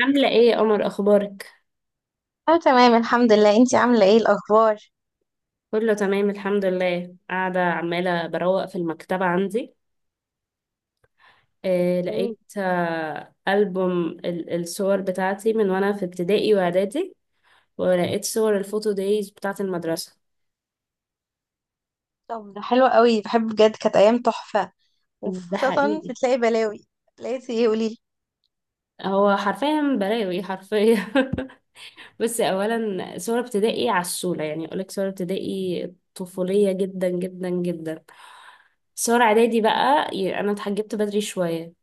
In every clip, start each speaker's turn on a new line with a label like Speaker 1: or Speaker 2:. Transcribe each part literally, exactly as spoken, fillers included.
Speaker 1: عاملة ايه يا قمر اخبارك؟
Speaker 2: اه، تمام الحمد لله. انتي عاملة ايه الأخبار؟
Speaker 1: كله تمام الحمد لله، قاعدة عمالة بروق في المكتبة عندي. آه
Speaker 2: مم.
Speaker 1: لقيت آه ألبوم ال- الصور بتاعتي من وانا في ابتدائي واعدادي. ولقيت صور الفوتو دايز بتاعت المدرسة.
Speaker 2: طب ده حلو قوي، بحب بجد كانت أيام تحفة،
Speaker 1: ده
Speaker 2: وخاصة
Speaker 1: حقيقي.
Speaker 2: بتلاقي بلاوي. لقيتي ايه قوليلي.
Speaker 1: هو حرفيا بلاوي حرفيا. بس اولا صور ابتدائي عسولة، يعني اقولك صور ابتدائي طفولية جدا جدا جدا. صور اعدادي بقى ي- انا اتحجبت بدري شوية،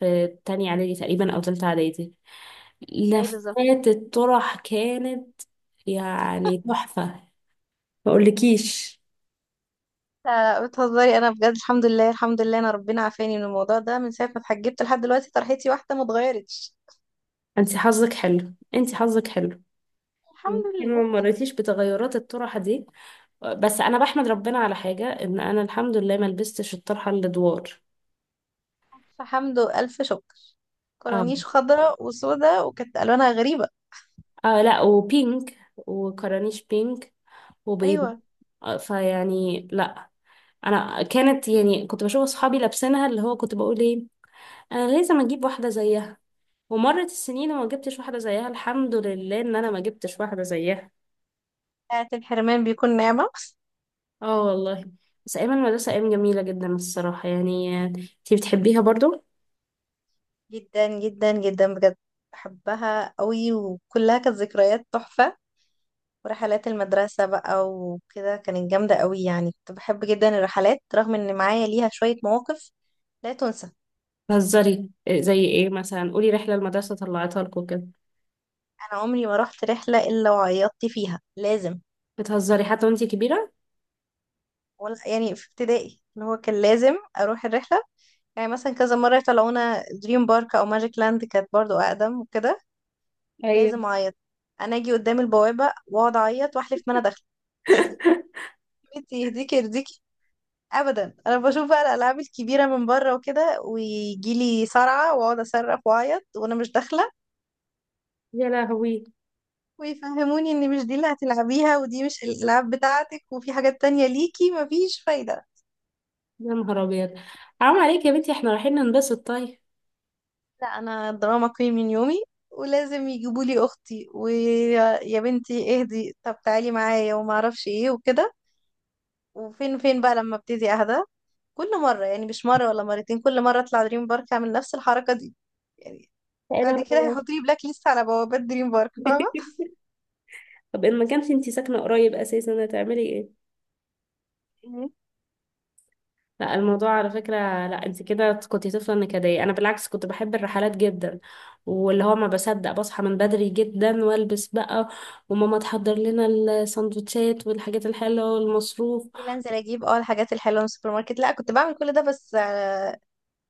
Speaker 1: في تانية اعدادي تقريبا او تالتة اعدادي.
Speaker 2: اي بالظبط.
Speaker 1: لفات الطرح كانت، يعني تحفة. ما اقولكيش.
Speaker 2: لا لا بتهزري، أنا بجد الحمد لله الحمد لله أنا ربنا عافاني من الموضوع ده، من ساعة ما اتحجبت لحد دلوقتي طرحتي واحدة ما اتغيرتش
Speaker 1: انت حظك حلو، انت حظك حلو.
Speaker 2: الحمد
Speaker 1: يمكن ما
Speaker 2: لله.
Speaker 1: مريتيش بتغيرات الطرحة دي. بس انا بحمد ربنا على حاجة، ان انا الحمد لله ما لبستش الطرحة اللي دوار.
Speaker 2: ألف حمد وألف شكر.
Speaker 1: اه.
Speaker 2: كورانيش خضراء وسوداء وكانت ألوانها غريبة.
Speaker 1: اه لا، وبينك وكرانيش بينك وبيضة.
Speaker 2: أيوة.
Speaker 1: آه، فيعني لا. انا كانت يعني كنت بشوف اصحابي لابسينها، اللي هو كنت بقول ايه، انا لازم اجيب واحدة زيها. ومرت السنين وما جبتش واحدة زيها، الحمد لله ان انا ما جبتش واحدة زيها.
Speaker 2: ساعة الحرمان بيكون نعمة.
Speaker 1: اه والله. بس ايام المدرسة ايام جميلة جدا الصراحة، يعني انتي بتحبيها برضو؟
Speaker 2: جدا جدا جدا بجد، بحبها قوي وكلها كانت ذكريات تحفة. ورحلات المدرسة بقى وكده كانت جامدة قوي، يعني كنت بحب جدا الرحلات رغم ان معايا ليها شوية مواقف لا تنسى.
Speaker 1: بتهزري إيه؟ زي ايه مثلا؟ قولي رحلة المدرسة طلعتها لكم كده.
Speaker 2: انا عمري ما رحت رحلة الا وعيطت فيها، لازم.
Speaker 1: بتهزري حتى وانتي كبيرة؟
Speaker 2: ولا يعني في ابتدائي اللي هو كان لازم اروح الرحلة، يعني مثلا كذا مرة يطلعونا دريم بارك او ماجيك لاند كانت برضو اقدم وكده.
Speaker 1: ايوه.
Speaker 2: لازم اعيط. انا اجي قدام البوابة واقعد اعيط واحلف ما انا داخلة. انتي يهديكي يرضيكي. ابدا، انا بشوف بقى الالعاب الكبيره من بره وكده ويجي لي صرعه واقعد اصرخ واعيط وانا مش داخله.
Speaker 1: يا لهوي.
Speaker 2: ويفهموني ان مش دي اللي هتلعبيها ودي مش الالعاب بتاعتك وفي حاجات تانية ليكي، مفيش فايده.
Speaker 1: يا نهار ابيض. حرام عليك يا بنتي، احنا رايحين ننبسط طيب.
Speaker 2: لا انا دراما كوين من يومي. ولازم يجيبوا لي اختي، ويا يا بنتي اهدي طب تعالي معايا وما اعرفش ايه وكده. وفين فين بقى لما ابتدي اهدى. كل مره، يعني مش مره ولا مرتين، كل مره اطلع دريم بارك اعمل نفس الحركه دي يعني.
Speaker 1: لا
Speaker 2: بعد
Speaker 1: لا
Speaker 2: كده
Speaker 1: لا.
Speaker 2: هيحطوا لي بلاك ليست على بوابات دريم بارك فاهمه.
Speaker 1: طب ان ما كانش انتي ساكنه قريب اساسا هتعملي ايه؟
Speaker 2: مم.
Speaker 1: لا الموضوع على فكره، لا انت كده كنت طفله نكديه. انا بالعكس كنت بحب الرحلات جدا، واللي هو ما بصدق بصحى من بدري جدا والبس بقى، وماما تحضر لنا السندوتشات والحاجات الحلوه والمصروف.
Speaker 2: انزل اجيب اه الحاجات الحلوه من السوبر ماركت، لا كنت بعمل كل ده بس آه،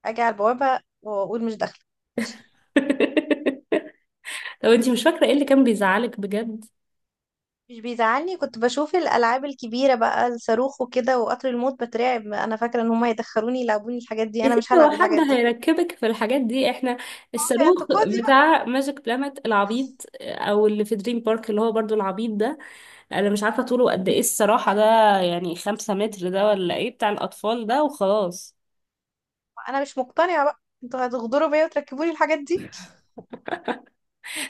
Speaker 2: اجي على البوابه واقول مش داخله.
Speaker 1: طب انتي مش فاكره ايه اللي كان بيزعلك بجد؟
Speaker 2: مش بيزعلني، كنت بشوف الالعاب الكبيره بقى الصاروخ وكده وقطر الموت بترعب، انا فاكره ان هم هيدخلوني يلعبوني الحاجات دي،
Speaker 1: يا
Speaker 2: انا مش
Speaker 1: ستي هو
Speaker 2: هلعب
Speaker 1: حد
Speaker 2: الحاجات دي.
Speaker 1: هيركبك في الحاجات دي؟ احنا
Speaker 2: هو في
Speaker 1: الصاروخ
Speaker 2: اعتقادي بقى،
Speaker 1: بتاع ماجيك بلانت العبيط، او اللي في دريم بارك اللي هو برضو العبيط ده، انا مش عارفة طوله قد ايه الصراحة ده، يعني خمسة متر ده ولا ايه؟ بتاع الاطفال ده وخلاص.
Speaker 2: انا مش مقتنعه بقى، انتوا هتغدروا بيا وتركبوني الحاجات دي.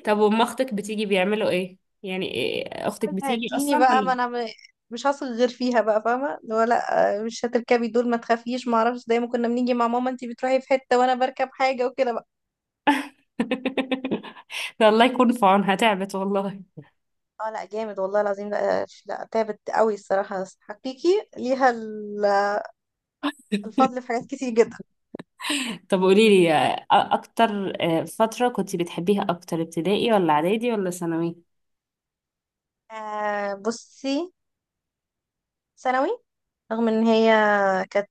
Speaker 1: طب وام اختك بتيجي بيعملوا ايه؟ يعني إيه اختك بتيجي
Speaker 2: هديني
Speaker 1: اصلا
Speaker 2: بقى، ما
Speaker 1: ولا؟
Speaker 2: انا م- مش هثق غير فيها بقى، فاهمه اللي هو لا آه، مش هتركبي دول ما تخافيش ما اعرفش، زي ما كنا بنيجي مع ماما انتي بتروحي في حته وانا بركب حاجه وكده بقى.
Speaker 1: ده الله يكون في عونها، تعبت والله.
Speaker 2: اه لا جامد والله العظيم، لا لا تعبت قوي الصراحة، بس حقيقي ليها ال- الفضل في حاجات كتير جدا.
Speaker 1: طب قولي لي، اكتر آه، فترة كنت بتحبيها اكتر، ابتدائي ولا اعدادي ولا ثانوي؟
Speaker 2: آه بصي، ثانوي. رغم ان هي كانت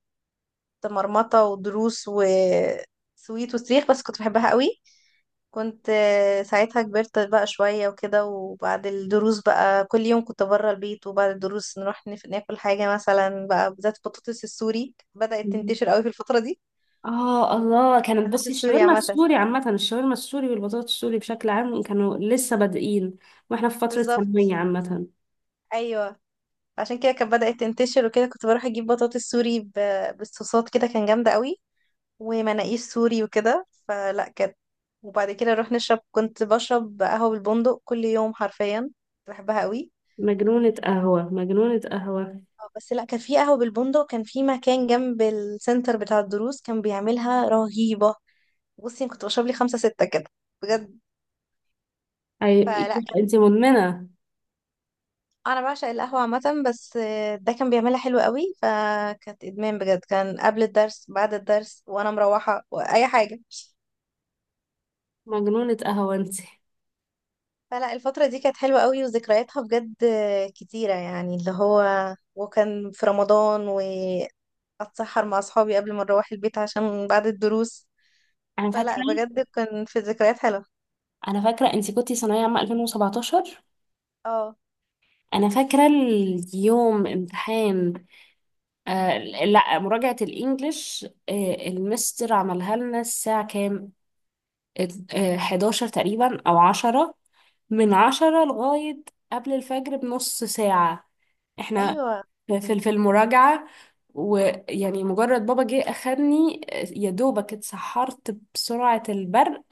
Speaker 2: مرمطة ودروس وسويت وصريخ بس كنت بحبها قوي. كنت آه، ساعتها كبرت بقى شوية وكده، وبعد الدروس بقى كل يوم كنت بره البيت، وبعد الدروس نروح نف- ناكل حاجة مثلا بقى، بالذات البطاطس السوري بدأت تنتشر قوي في الفترة دي.
Speaker 1: اه الله، كانت
Speaker 2: محلات
Speaker 1: بصي
Speaker 2: السوري
Speaker 1: الشاورما
Speaker 2: عامة.
Speaker 1: السوري عامة، الشاورما السوري والبطاطس السوري بشكل عام كانوا لسه بادئين واحنا في فترة ثانوية
Speaker 2: بالظبط.
Speaker 1: عامة.
Speaker 2: ايوه، عشان كده كانت بدأت تنتشر وكده، كنت بروح اجيب بطاطس سوري ب- بالصوصات كده كان جامدة قوي. ومناقيش سوري وكده، فلا كانت. وبعد كده نروح نشرب، كنت بشرب قهوة بالبندق كل يوم حرفيا، كنت بحبها قوي.
Speaker 1: مجنونة قهوة، مجنونة قهوة.
Speaker 2: آه، بس لا كان في قهوة بالبندق كان في مكان جنب السنتر بتاع الدروس كان بيعملها رهيبة. بصي أنا كنت بشرب لي خمسة ستة كده، بجد.
Speaker 1: اي،
Speaker 2: فلا
Speaker 1: انت مدمنة.
Speaker 2: انا بعشق القهوه عامه، بس آه، ده كان بيعملها حلو قوي، فكانت ادمان بجد، كان قبل الدرس بعد الدرس وانا مروحه واي حاجه.
Speaker 1: مجنونة قهوة انت.
Speaker 2: فلا الفتره دي كانت حلوه قوي وذكرياتها بجد آه، كتيره، يعني اللي هو وكان في رمضان واتسحر مع اصحابي قبل ما نروح البيت عشان بعد الدروس.
Speaker 1: انا فاكرة
Speaker 2: فلا بجد كان في ذكريات حلوه.
Speaker 1: انا فاكرة انت كنتي ثانوية عامة ألفين وسبعتاشر.
Speaker 2: اه.
Speaker 1: انا فاكرة اليوم امتحان، آه لا، مراجعة الانجليش. آه المستر عملها لنا الساعة كام، آه حداشر تقريبا او عشرة، من عشرة لغاية قبل الفجر بنص ساعة احنا،
Speaker 2: ايوه
Speaker 1: في في في المراجعة. ويعني مجرد بابا جه أخدني، يا دوبك اتسحرت بسرعة البرق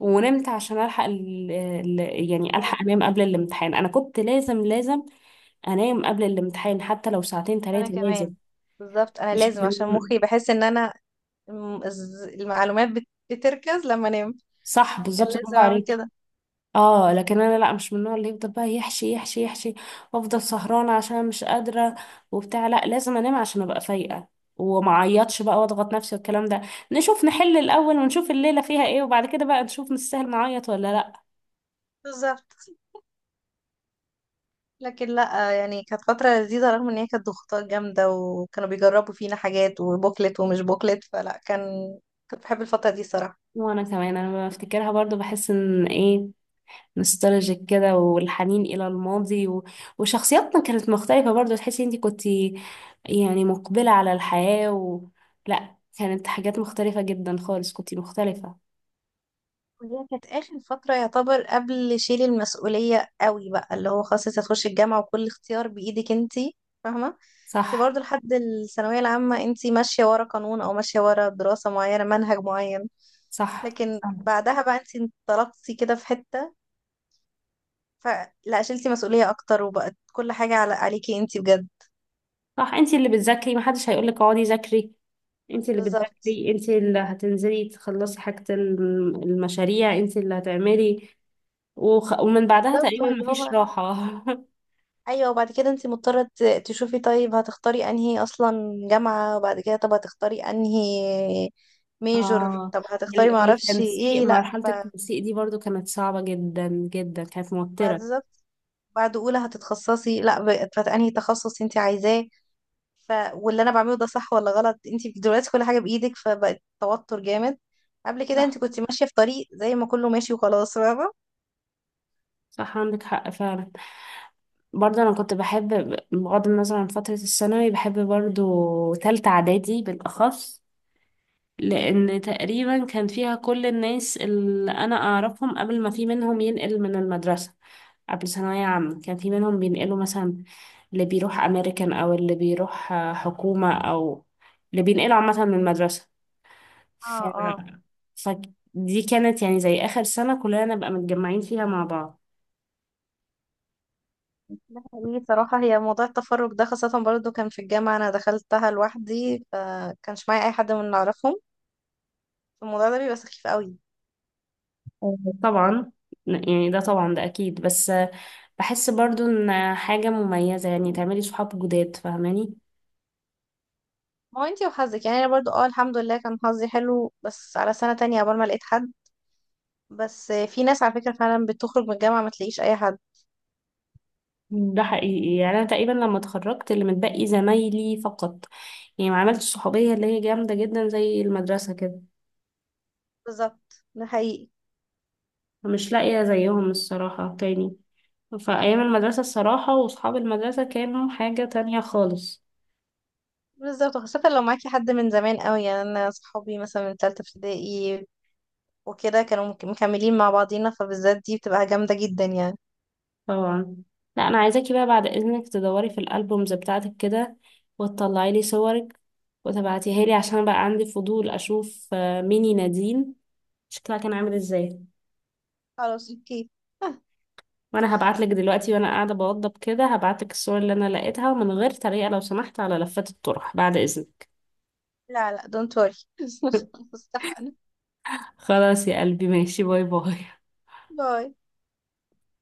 Speaker 1: ونمت عشان ألحق ال ال يعني ألحق أنام قبل الامتحان. أنا كنت لازم لازم أنام قبل الامتحان، حتى لو ساعتين
Speaker 2: وانا
Speaker 1: ثلاثة
Speaker 2: كمان،
Speaker 1: لازم.
Speaker 2: بالظبط انا
Speaker 1: مش
Speaker 2: لازم، عشان مخي بحس ان انا الم- الز- المعلومات بت- بتركز لما انام،
Speaker 1: صح
Speaker 2: كان
Speaker 1: بالظبط، برافو
Speaker 2: لازم اعمل
Speaker 1: عليك.
Speaker 2: كده.
Speaker 1: اه لكن انا لا، مش من النوع اللي يفضل بقى يحشي يحشي يحشي وافضل سهرانه عشان مش قادره وبتاع. لا لازم انام عشان ابقى فايقه، وما اعيطش بقى واضغط نفسي والكلام ده. نشوف نحل الاول ونشوف الليله فيها ايه، وبعد كده بقى نشوف نستاهل نعيط ولا لا.
Speaker 2: بالظبط. لكن لا، يعني كانت فترة لذيذة، رغم ان هي كانت ضغوطات جامدة، وكانوا بيجربوا فينا حاجات، وبوكلت ومش بوكلت، فلا كان، كنت بحب الفترة دي صراحة.
Speaker 1: وانا كمان، انا لما بفتكرها برضو بحس ان ايه، نوستالجيك كده والحنين الى الماضي. و... وشخصياتنا كانت مختلفه برضو، تحسي انتي كنتي يعني مقبله على الحياه. و... لا كانت حاجات مختلفه جدا خالص، كنتي مختلفه.
Speaker 2: وهي كانت آخر فترة يعتبر قبل شيل المسؤولية قوي بقى، اللي هو خلاص انت هتخشي الجامعة وكل اختيار بإيدك انتي فاهمة. انتي
Speaker 1: صح.
Speaker 2: برضه لحد الثانوية العامة انتي ماشية ورا قانون، او ماشية ورا دراسة معينة منهج معين.
Speaker 1: صح.
Speaker 2: لكن بعدها بقى انتي انطلقتي كده في حتة، فلا شلتي مسؤولية اكتر، وبقت كل حاجة على عليكي انتي بجد.
Speaker 1: صح، انت اللي بتذاكري، محدش هيقولك اقعدي ذاكري. انت اللي
Speaker 2: بالظبط.
Speaker 1: بتذاكري، انت اللي هتنزلي تخلصي حاجة، الم- المشاريع انت اللي هتعملي. وخ... ومن بعدها
Speaker 2: بالظبط
Speaker 1: تقريبا
Speaker 2: واللي
Speaker 1: مفيش
Speaker 2: هو،
Speaker 1: راحة.
Speaker 2: ايوه وبعد كده انت مضطره ت- تشوفي طيب هتختاري انهي اصلا جامعه، وبعد كده طب هتختاري انهي ميجور،
Speaker 1: اه،
Speaker 2: طب هتختاري
Speaker 1: وال-
Speaker 2: معرفش
Speaker 1: والتنسيق،
Speaker 2: ايه، لا
Speaker 1: مرحلة
Speaker 2: ف-
Speaker 1: التنسيق دي برضو كانت صعبة جدا جدا، كانت
Speaker 2: بعد
Speaker 1: موترة.
Speaker 2: بالظبط، بعد اولى هتتخصصي لا ب- فانهي تخصص انت عايزاه. ف واللي انا بعمله ده صح ولا غلط، انت دلوقتي كل حاجه بايدك، فبقت توتر جامد. قبل كده
Speaker 1: صح.
Speaker 2: انت كنت ماشيه في طريق زي ما كله ماشي وخلاص، فاهمه.
Speaker 1: صح، عندك حق فعلا. برضه انا كنت بحب، بغض النظر عن فترة الثانوي بحب برضو تالتة اعدادي بالاخص، لأن تقريبا كان فيها كل الناس اللي أنا أعرفهم قبل ما في منهم ينقل من المدرسة. قبل ثانوية عامة كان في منهم بينقلوا مثلا، اللي بيروح أمريكان أو اللي بيروح آه، حكومة، أو اللي بينقلوا عامة من المدرسة. ف...
Speaker 2: اه اه.
Speaker 1: فدي كانت يعني زي آخر سنة كلنا نبقى متجمعين فيها مع بعض.
Speaker 2: ده حقيقي صراحة، هي موضوع التفرج ده خاصة برضو كان في الجامعة أنا دخلتها لوحدي فكانش معايا أي حد من اللي أعرفهم، الموضوع ده بيبقى سخيف قوي.
Speaker 1: آه، طبعا. يعني ده طبعا ده أكيد، بس آه، بحس برضو إن حاجة مميزة يعني تعملي صحاب جداد، فاهماني؟
Speaker 2: ما هو انتي وحظك، يعني أنا برضو اه الحمد لله كان حظي حلو، بس على سنة تانية عقبال ما لقيت حد. بس في ناس على فكرة فعلا بتخرج من الجامعة ما تلاقيش أي حد.
Speaker 1: ده حقيقي، يعني انا تقريبا لما اتخرجت اللي متبقي زمايلي فقط، يعني ما عملتش صحوبيه اللي هي جامده جدا زي المدرسه كده.
Speaker 2: بالظبط ده حقيقي.
Speaker 1: مش لاقيه زيهم الصراحه تاني. فايام المدرسه الصراحه واصحاب المدرسه كانوا حاجه تانية خالص.
Speaker 2: بالظبط، خاصة لو معاكي حد من زمان قوي، يعني أنا صحابي مثلا من تالتة ابتدائي وكده كانوا مك- مكملين مع بعضينا، فبالذات دي بتبقى جامدة جدا يعني.
Speaker 1: طبعا. لا انا عايزاكي بقى بعد اذنك تدوري في الالبومز بتاعتك كده، وتطلعي لي صورك وتبعتيها لي، عشان بقى عندي فضول اشوف آه، ميني نادين شكلها كان عامل ازاي.
Speaker 2: خلاص اوكي.
Speaker 1: وانا هبعتلك دلوقتي، وانا قاعدة بوضب كده هبعتلك الصور اللي انا لقيتها، من غير تريقة لو سمحت على لفات الطرح بعد اذنك.
Speaker 2: لا لا دونت وري. اتفقنا.
Speaker 1: خلاص يا قلبي ماشي، باي باي.
Speaker 2: باي.